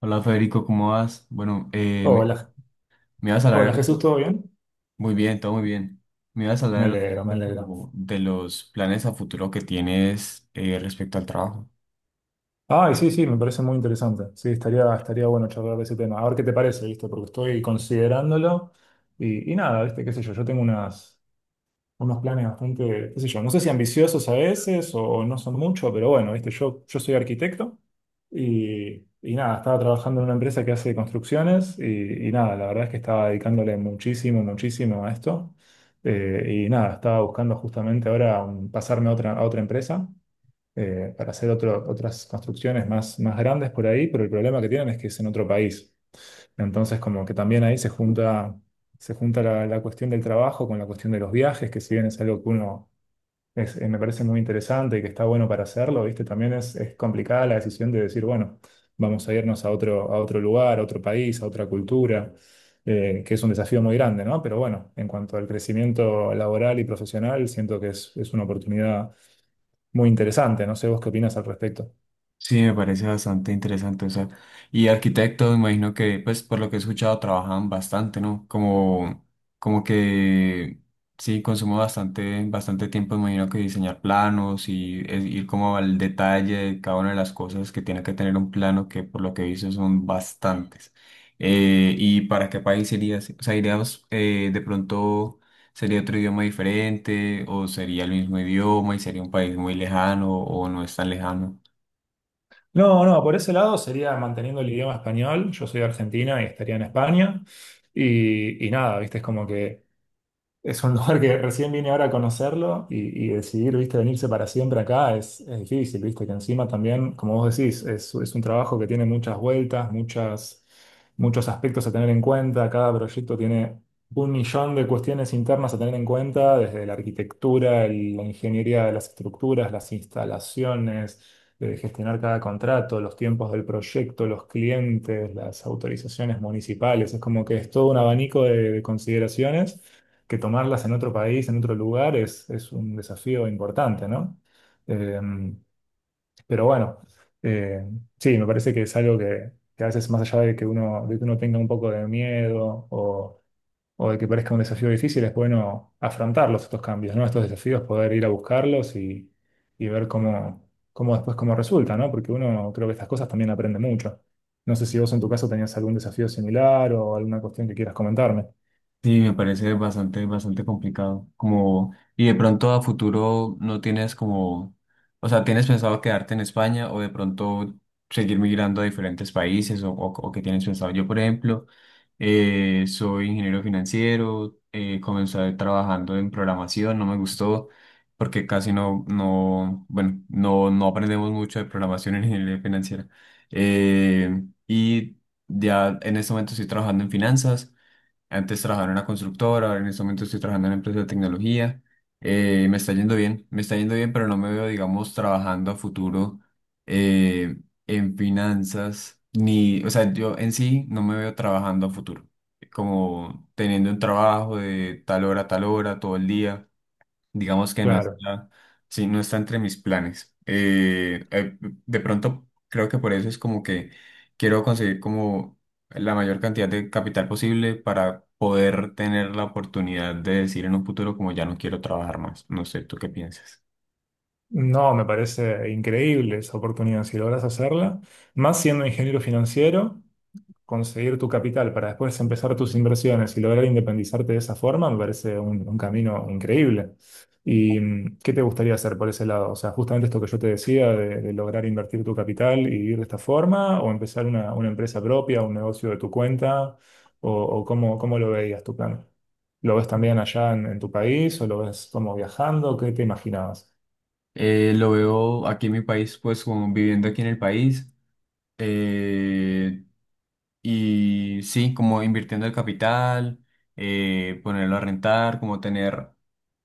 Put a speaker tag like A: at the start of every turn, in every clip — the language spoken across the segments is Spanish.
A: Hola Federico, ¿cómo vas? Bueno,
B: Hola,
A: me ibas a hablar
B: hola Jesús, ¿todo bien?
A: muy bien, todo muy bien. Me ibas a
B: Me
A: hablar
B: alegro, me alegro.
A: como de los planes a futuro que tienes respecto al trabajo.
B: Ay, sí, sí, me parece muy interesante. Sí, estaría bueno charlar de ese tema. A ver qué te parece, ¿viste? Porque estoy considerándolo y nada, ¿viste? ¿Qué sé yo? Yo tengo unas, unos planes bastante, qué sé yo, no sé si ambiciosos a veces o no son mucho, pero bueno, viste, yo soy arquitecto y nada, estaba trabajando en una empresa que hace construcciones y nada, la verdad es que estaba dedicándole muchísimo, muchísimo a esto. Y nada, estaba buscando justamente ahora pasarme a otra empresa para hacer otras construcciones más, más grandes por ahí, pero el problema que tienen es que es en otro país. Entonces, como que también ahí se junta la, la cuestión del trabajo con la cuestión de los viajes, que si bien es algo que uno me parece muy interesante y que está bueno para hacerlo, ¿viste? También es complicada la decisión de decir, bueno, vamos a irnos a otro lugar, a otro país, a otra cultura, que es un desafío muy grande, ¿no? Pero bueno, en cuanto al crecimiento laboral y profesional, siento que es una oportunidad muy interesante. No sé vos qué opinas al respecto.
A: Sí, me parece bastante interesante. O sea, y arquitectos, me imagino que, pues, por lo que he escuchado, trabajan bastante, ¿no? Como que sí, consumo bastante, bastante tiempo, me imagino que diseñar planos y ir como al detalle de cada una de las cosas que tiene que tener un plano, que por lo que he visto son bastantes. ¿Y para qué país irías? O sea, iríamos de pronto. ¿Sería otro idioma diferente o sería el mismo idioma y sería un país muy lejano o no es tan lejano?
B: No, no, por ese lado sería manteniendo el idioma español. Yo soy de Argentina y estaría en España. Y nada, viste, es como que es un lugar que recién vine ahora a conocerlo y decidir, viste, venirse para siempre acá es difícil, viste, que encima también, como vos decís, es un trabajo que tiene muchas vueltas, muchas, muchos aspectos a tener en cuenta, cada proyecto tiene un millón de cuestiones internas a tener en cuenta, desde la arquitectura, la ingeniería de las estructuras, las instalaciones, de gestionar cada contrato, los tiempos del proyecto, los clientes, las autorizaciones municipales, es como que es todo un abanico de consideraciones que tomarlas en otro país, en otro lugar, es un desafío importante, ¿no? Eh, pero bueno, eh, sí, me parece que es algo que a veces más allá de que uno tenga un poco de miedo o de que parezca un desafío difícil, es bueno afrontarlos estos cambios, ¿no? Estos desafíos, poder ir a buscarlos y ver cómo, cómo después cómo resulta, ¿no? Porque uno creo que estas cosas también aprende mucho. No sé si vos en tu caso tenías algún desafío similar o alguna cuestión que quieras comentarme.
A: Sí, me parece bastante, bastante complicado. Como, y de pronto a futuro no tienes como, o sea, ¿tienes pensado quedarte en España o de pronto seguir migrando a diferentes países o qué tienes pensado? Yo, por ejemplo, soy ingeniero financiero, comencé trabajando en programación, no me gustó porque casi no, bueno, no aprendemos mucho de programación en ingeniería financiera. Eh, y ya en este momento estoy trabajando en finanzas. Antes trabajaba en una constructora, ahora en este momento estoy trabajando en una empresa de tecnología. Me está yendo bien, me está yendo bien, pero no me veo, digamos, trabajando a futuro eh, en finanzas, ni, o sea, yo en sí no me veo trabajando a futuro, como teniendo un trabajo de tal hora a tal hora, todo el día. Digamos que no
B: Claro.
A: está, sí, no está entre mis planes. De pronto creo que por eso es como que quiero conseguir como la mayor cantidad de capital posible para poder tener la oportunidad de decir en un futuro como ya no quiero trabajar más. No sé, ¿tú qué piensas?
B: No, me parece increíble esa oportunidad. Si logras hacerla, más siendo ingeniero financiero, conseguir tu capital para después empezar tus inversiones y lograr independizarte de esa forma, me parece un camino increíble. ¿Y qué te gustaría hacer por ese lado? O sea, justamente esto que yo te decía de lograr invertir tu capital y vivir de esta forma, o empezar una empresa propia, un negocio de tu cuenta, o cómo, cómo lo veías tu plan. ¿Lo ves también allá en tu país o lo ves como viajando? ¿Qué te imaginabas?
A: Lo veo aquí en mi país, pues como viviendo aquí en el país. eh, y sí, como invirtiendo el capital, ponerlo a rentar, como tener.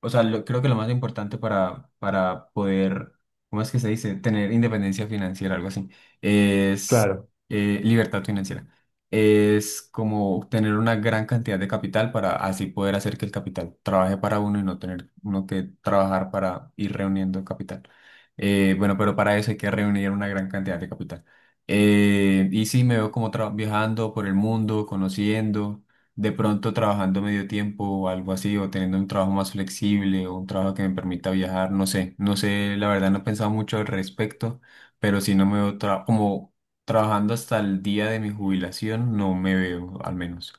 A: O sea, creo que lo más importante para poder, ¿cómo es que se dice? Tener independencia financiera, algo así, es
B: Claro.
A: eh, libertad financiera. Es como tener una gran cantidad de capital para así poder hacer que el capital trabaje para uno y no tener uno que trabajar para ir reuniendo capital. Bueno, pero para eso hay que reunir una gran cantidad de capital. Sí, me veo como viajando por el mundo, conociendo de pronto trabajando medio tiempo o algo así, o teniendo un trabajo más flexible o un trabajo que me permita viajar, no sé, no sé, la verdad no he pensado mucho al respecto, pero si no me veo como trabajando hasta el día de mi jubilación, no me veo al menos.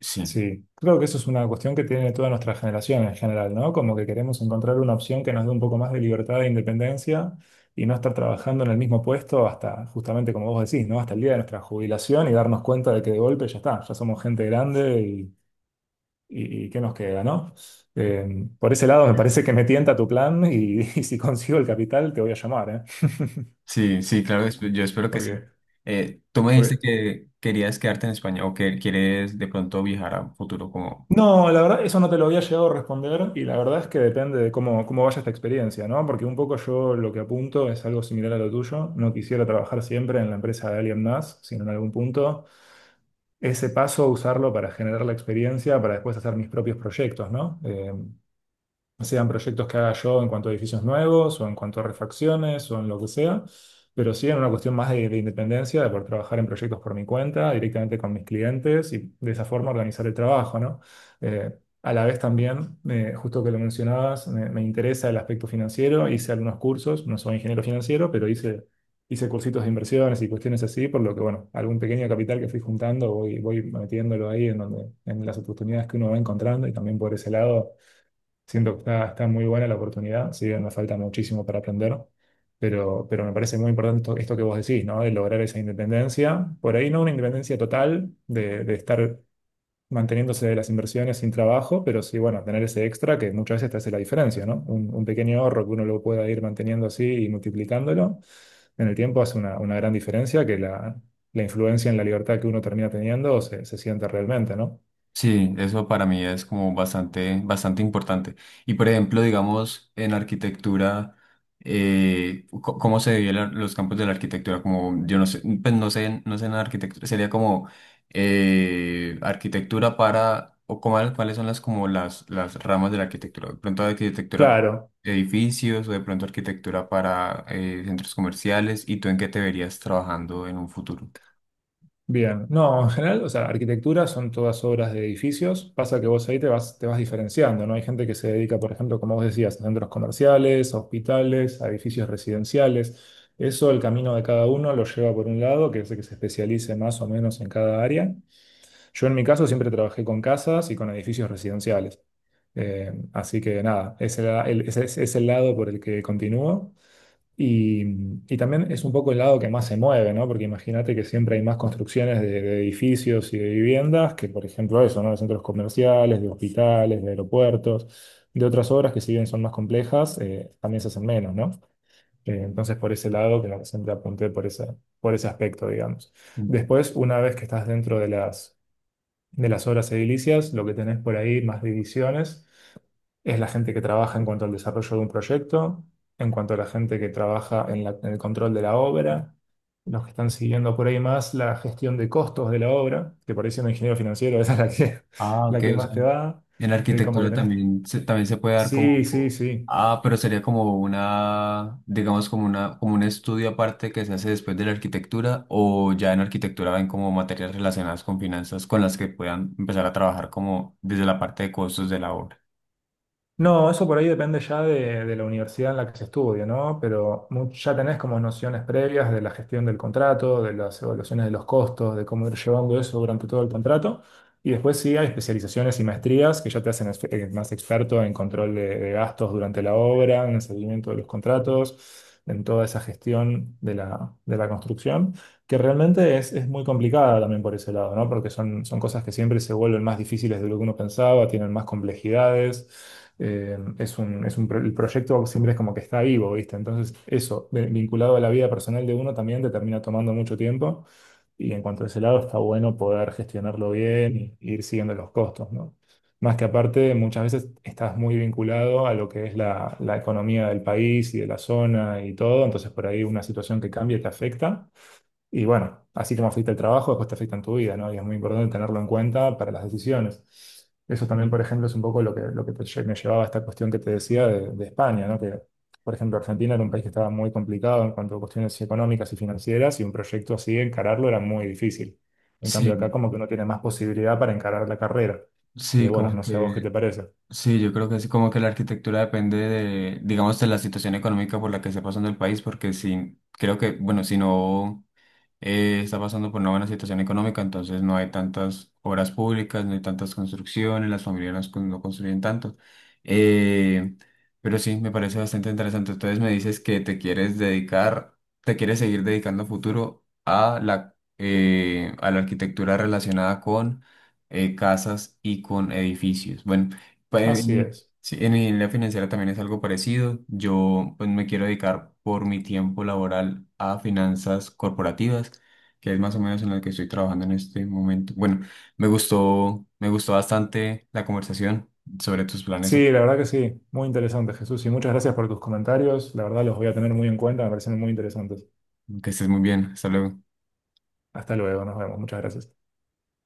A: Sí,
B: Sí, creo que eso es una cuestión que tiene toda nuestra generación en general, ¿no? Como que queremos encontrar una opción que nos dé un poco más de libertad e independencia y no estar trabajando en el mismo puesto hasta, justamente como vos decís, ¿no? Hasta el día de nuestra jubilación y darnos cuenta de que de golpe ya está, ya somos gente grande y ¿qué nos queda, ¿no? Por ese lado me parece que me tienta tu plan y, y si consigo el capital te voy a llamar, ¿eh?
A: sí, sí, claro, yo espero que sí.
B: Porque,
A: Tú me dijiste
B: porque.
A: que querías quedarte en España o que quieres de pronto viajar a un futuro como...
B: No, la verdad, eso no te lo había llegado a responder y la verdad es que depende de cómo, cómo vaya esta experiencia, ¿no? Porque un poco yo lo que apunto es algo similar a lo tuyo. No quisiera trabajar siempre en la empresa de alguien más, sino en algún punto ese paso usarlo para generar la experiencia, para después hacer mis propios proyectos, ¿no? No sean proyectos que haga yo en cuanto a edificios nuevos o en cuanto a refacciones o en lo que sea, pero sí en una cuestión más de independencia, de poder trabajar en proyectos por mi cuenta, directamente con mis clientes y de esa forma organizar el trabajo, ¿no? Eh, a la vez también, justo que lo mencionabas, me interesa el aspecto financiero, hice algunos cursos, no soy ingeniero financiero, pero hice, hice cursitos de inversiones y cuestiones así, por lo que, bueno, algún pequeño capital que fui juntando, voy, voy metiéndolo ahí en donde, en las oportunidades que uno va encontrando y también por ese lado siento que está, está muy buena la oportunidad, si bien me falta muchísimo para aprender, pero me parece muy importante esto, esto que vos decís, ¿no? De lograr esa independencia. Por ahí no una independencia total de estar manteniéndose de las inversiones sin trabajo, pero sí, bueno, tener ese extra que muchas veces te hace la diferencia, ¿no? Un pequeño ahorro que uno lo pueda ir manteniendo así y multiplicándolo en el tiempo hace una gran diferencia que la influencia en la libertad que uno termina teniendo se, se siente realmente, ¿no?
A: Sí, eso para mí es como bastante, bastante importante. Y por ejemplo, digamos, en arquitectura, ¿cómo se dividen los campos de la arquitectura? Como, yo no sé, pues no sé, no sé en arquitectura, sería como arquitectura para, o cuáles son las como las ramas de la arquitectura. De pronto arquitectura para
B: Claro.
A: edificios, o de pronto arquitectura para centros comerciales, ¿y tú en qué te verías trabajando en un futuro?
B: Bien, no, en general, o sea, arquitectura son todas obras de edificios. Pasa que vos ahí te vas diferenciando, ¿no? Hay gente que se dedica, por ejemplo, como vos decías, a centros comerciales, a hospitales, a edificios residenciales. Eso, el camino de cada uno lo lleva por un lado, que es el que se especialice más o menos en cada área. Yo en mi caso siempre trabajé con casas y con edificios residenciales. Así que nada, ese es el lado por el que continúo. Y, y también es un poco el lado que más se mueve, ¿no? Porque imagínate que siempre hay más construcciones de edificios y de viviendas que, por ejemplo, eso, ¿no? De centros comerciales, de hospitales, de aeropuertos, de otras obras que, si bien son más complejas, también se hacen menos, ¿no? Entonces, por ese lado, que siempre apunté por ese aspecto, digamos. Después, una vez que estás dentro de las obras edilicias, lo que tenés por ahí, más divisiones es la gente que trabaja en cuanto al desarrollo de un proyecto, en cuanto a la gente que trabaja en, en el control de la obra, los que están siguiendo por ahí más la gestión de costos de la obra, que por ahí siendo ingeniero financiero, esa es
A: Ah,
B: la
A: ok,
B: que
A: o sea,
B: más te va.
A: en
B: Como que
A: arquitectura
B: tenés.
A: también se puede dar
B: Sí, sí,
A: como,
B: sí.
A: ah, pero sería como una, digamos, como una, como un estudio aparte que se hace después de la arquitectura, o ya en arquitectura ven como materias relacionadas con finanzas con las que puedan empezar a trabajar como desde la parte de costos de la obra.
B: No, eso por ahí depende ya de la universidad en la que se estudie, ¿no? Pero ya tenés como nociones previas de la gestión del contrato, de las evaluaciones de los costos, de cómo ir llevando eso durante todo el contrato. Y después sí hay especializaciones y maestrías que ya te hacen más experto en control de gastos durante la obra, en el seguimiento de los contratos, en toda esa gestión de la construcción. Que realmente es muy complicada también por ese lado, ¿no? Porque son, son cosas que siempre se vuelven más difíciles de lo que uno pensaba, tienen más complejidades. Es un, es un el proyecto siempre es como que está vivo, ¿viste? Entonces, eso, vinculado a la vida personal de uno, también te termina tomando mucho tiempo. Y en cuanto a ese lado, está bueno poder gestionarlo bien y ir siguiendo los costos, ¿no? Más que aparte, muchas veces estás muy vinculado a lo que es la, la economía del país y de la zona y todo, entonces por ahí una situación que cambia te afecta. Y bueno, así como afecta el trabajo, después te afecta en tu vida, ¿no? Y es muy importante tenerlo en cuenta para las decisiones. Eso también,
A: Sí,
B: por ejemplo, es un poco lo que te me llevaba a esta cuestión que te decía de España, ¿no? Que, por ejemplo, Argentina era un país que estaba muy complicado en cuanto a cuestiones económicas y financieras, y un proyecto así, encararlo era muy difícil. En cambio, acá
A: sí,
B: como que uno tiene más posibilidad para encarar la carrera, que
A: sí,
B: bueno,
A: como
B: no sé a vos qué
A: que,
B: te parece.
A: sí, yo creo que sí, como que la arquitectura depende de, digamos, de la situación económica por la que esté pasando el país, porque si, creo que, bueno, si no. Está pasando por una buena situación económica, entonces no hay tantas obras públicas, no hay tantas construcciones, las familias no construyen tanto. Eh, pero sí, me parece bastante interesante. Entonces me dices que te quieres dedicar, te quieres seguir dedicando a futuro a la arquitectura relacionada con casas y con edificios. Bueno, pues,
B: Así es.
A: sí, en la financiera también es algo parecido. Yo pues me quiero dedicar por mi tiempo laboral a finanzas corporativas, que es más o menos en la que estoy trabajando en este momento. Bueno, me gustó bastante la conversación sobre tus planes.
B: Sí, la verdad que sí, muy interesante, Jesús, y muchas gracias por tus comentarios, la verdad los voy a tener muy en cuenta, me parecen muy interesantes.
A: Que estés muy bien. Hasta luego.
B: Hasta luego, nos vemos. Muchas gracias.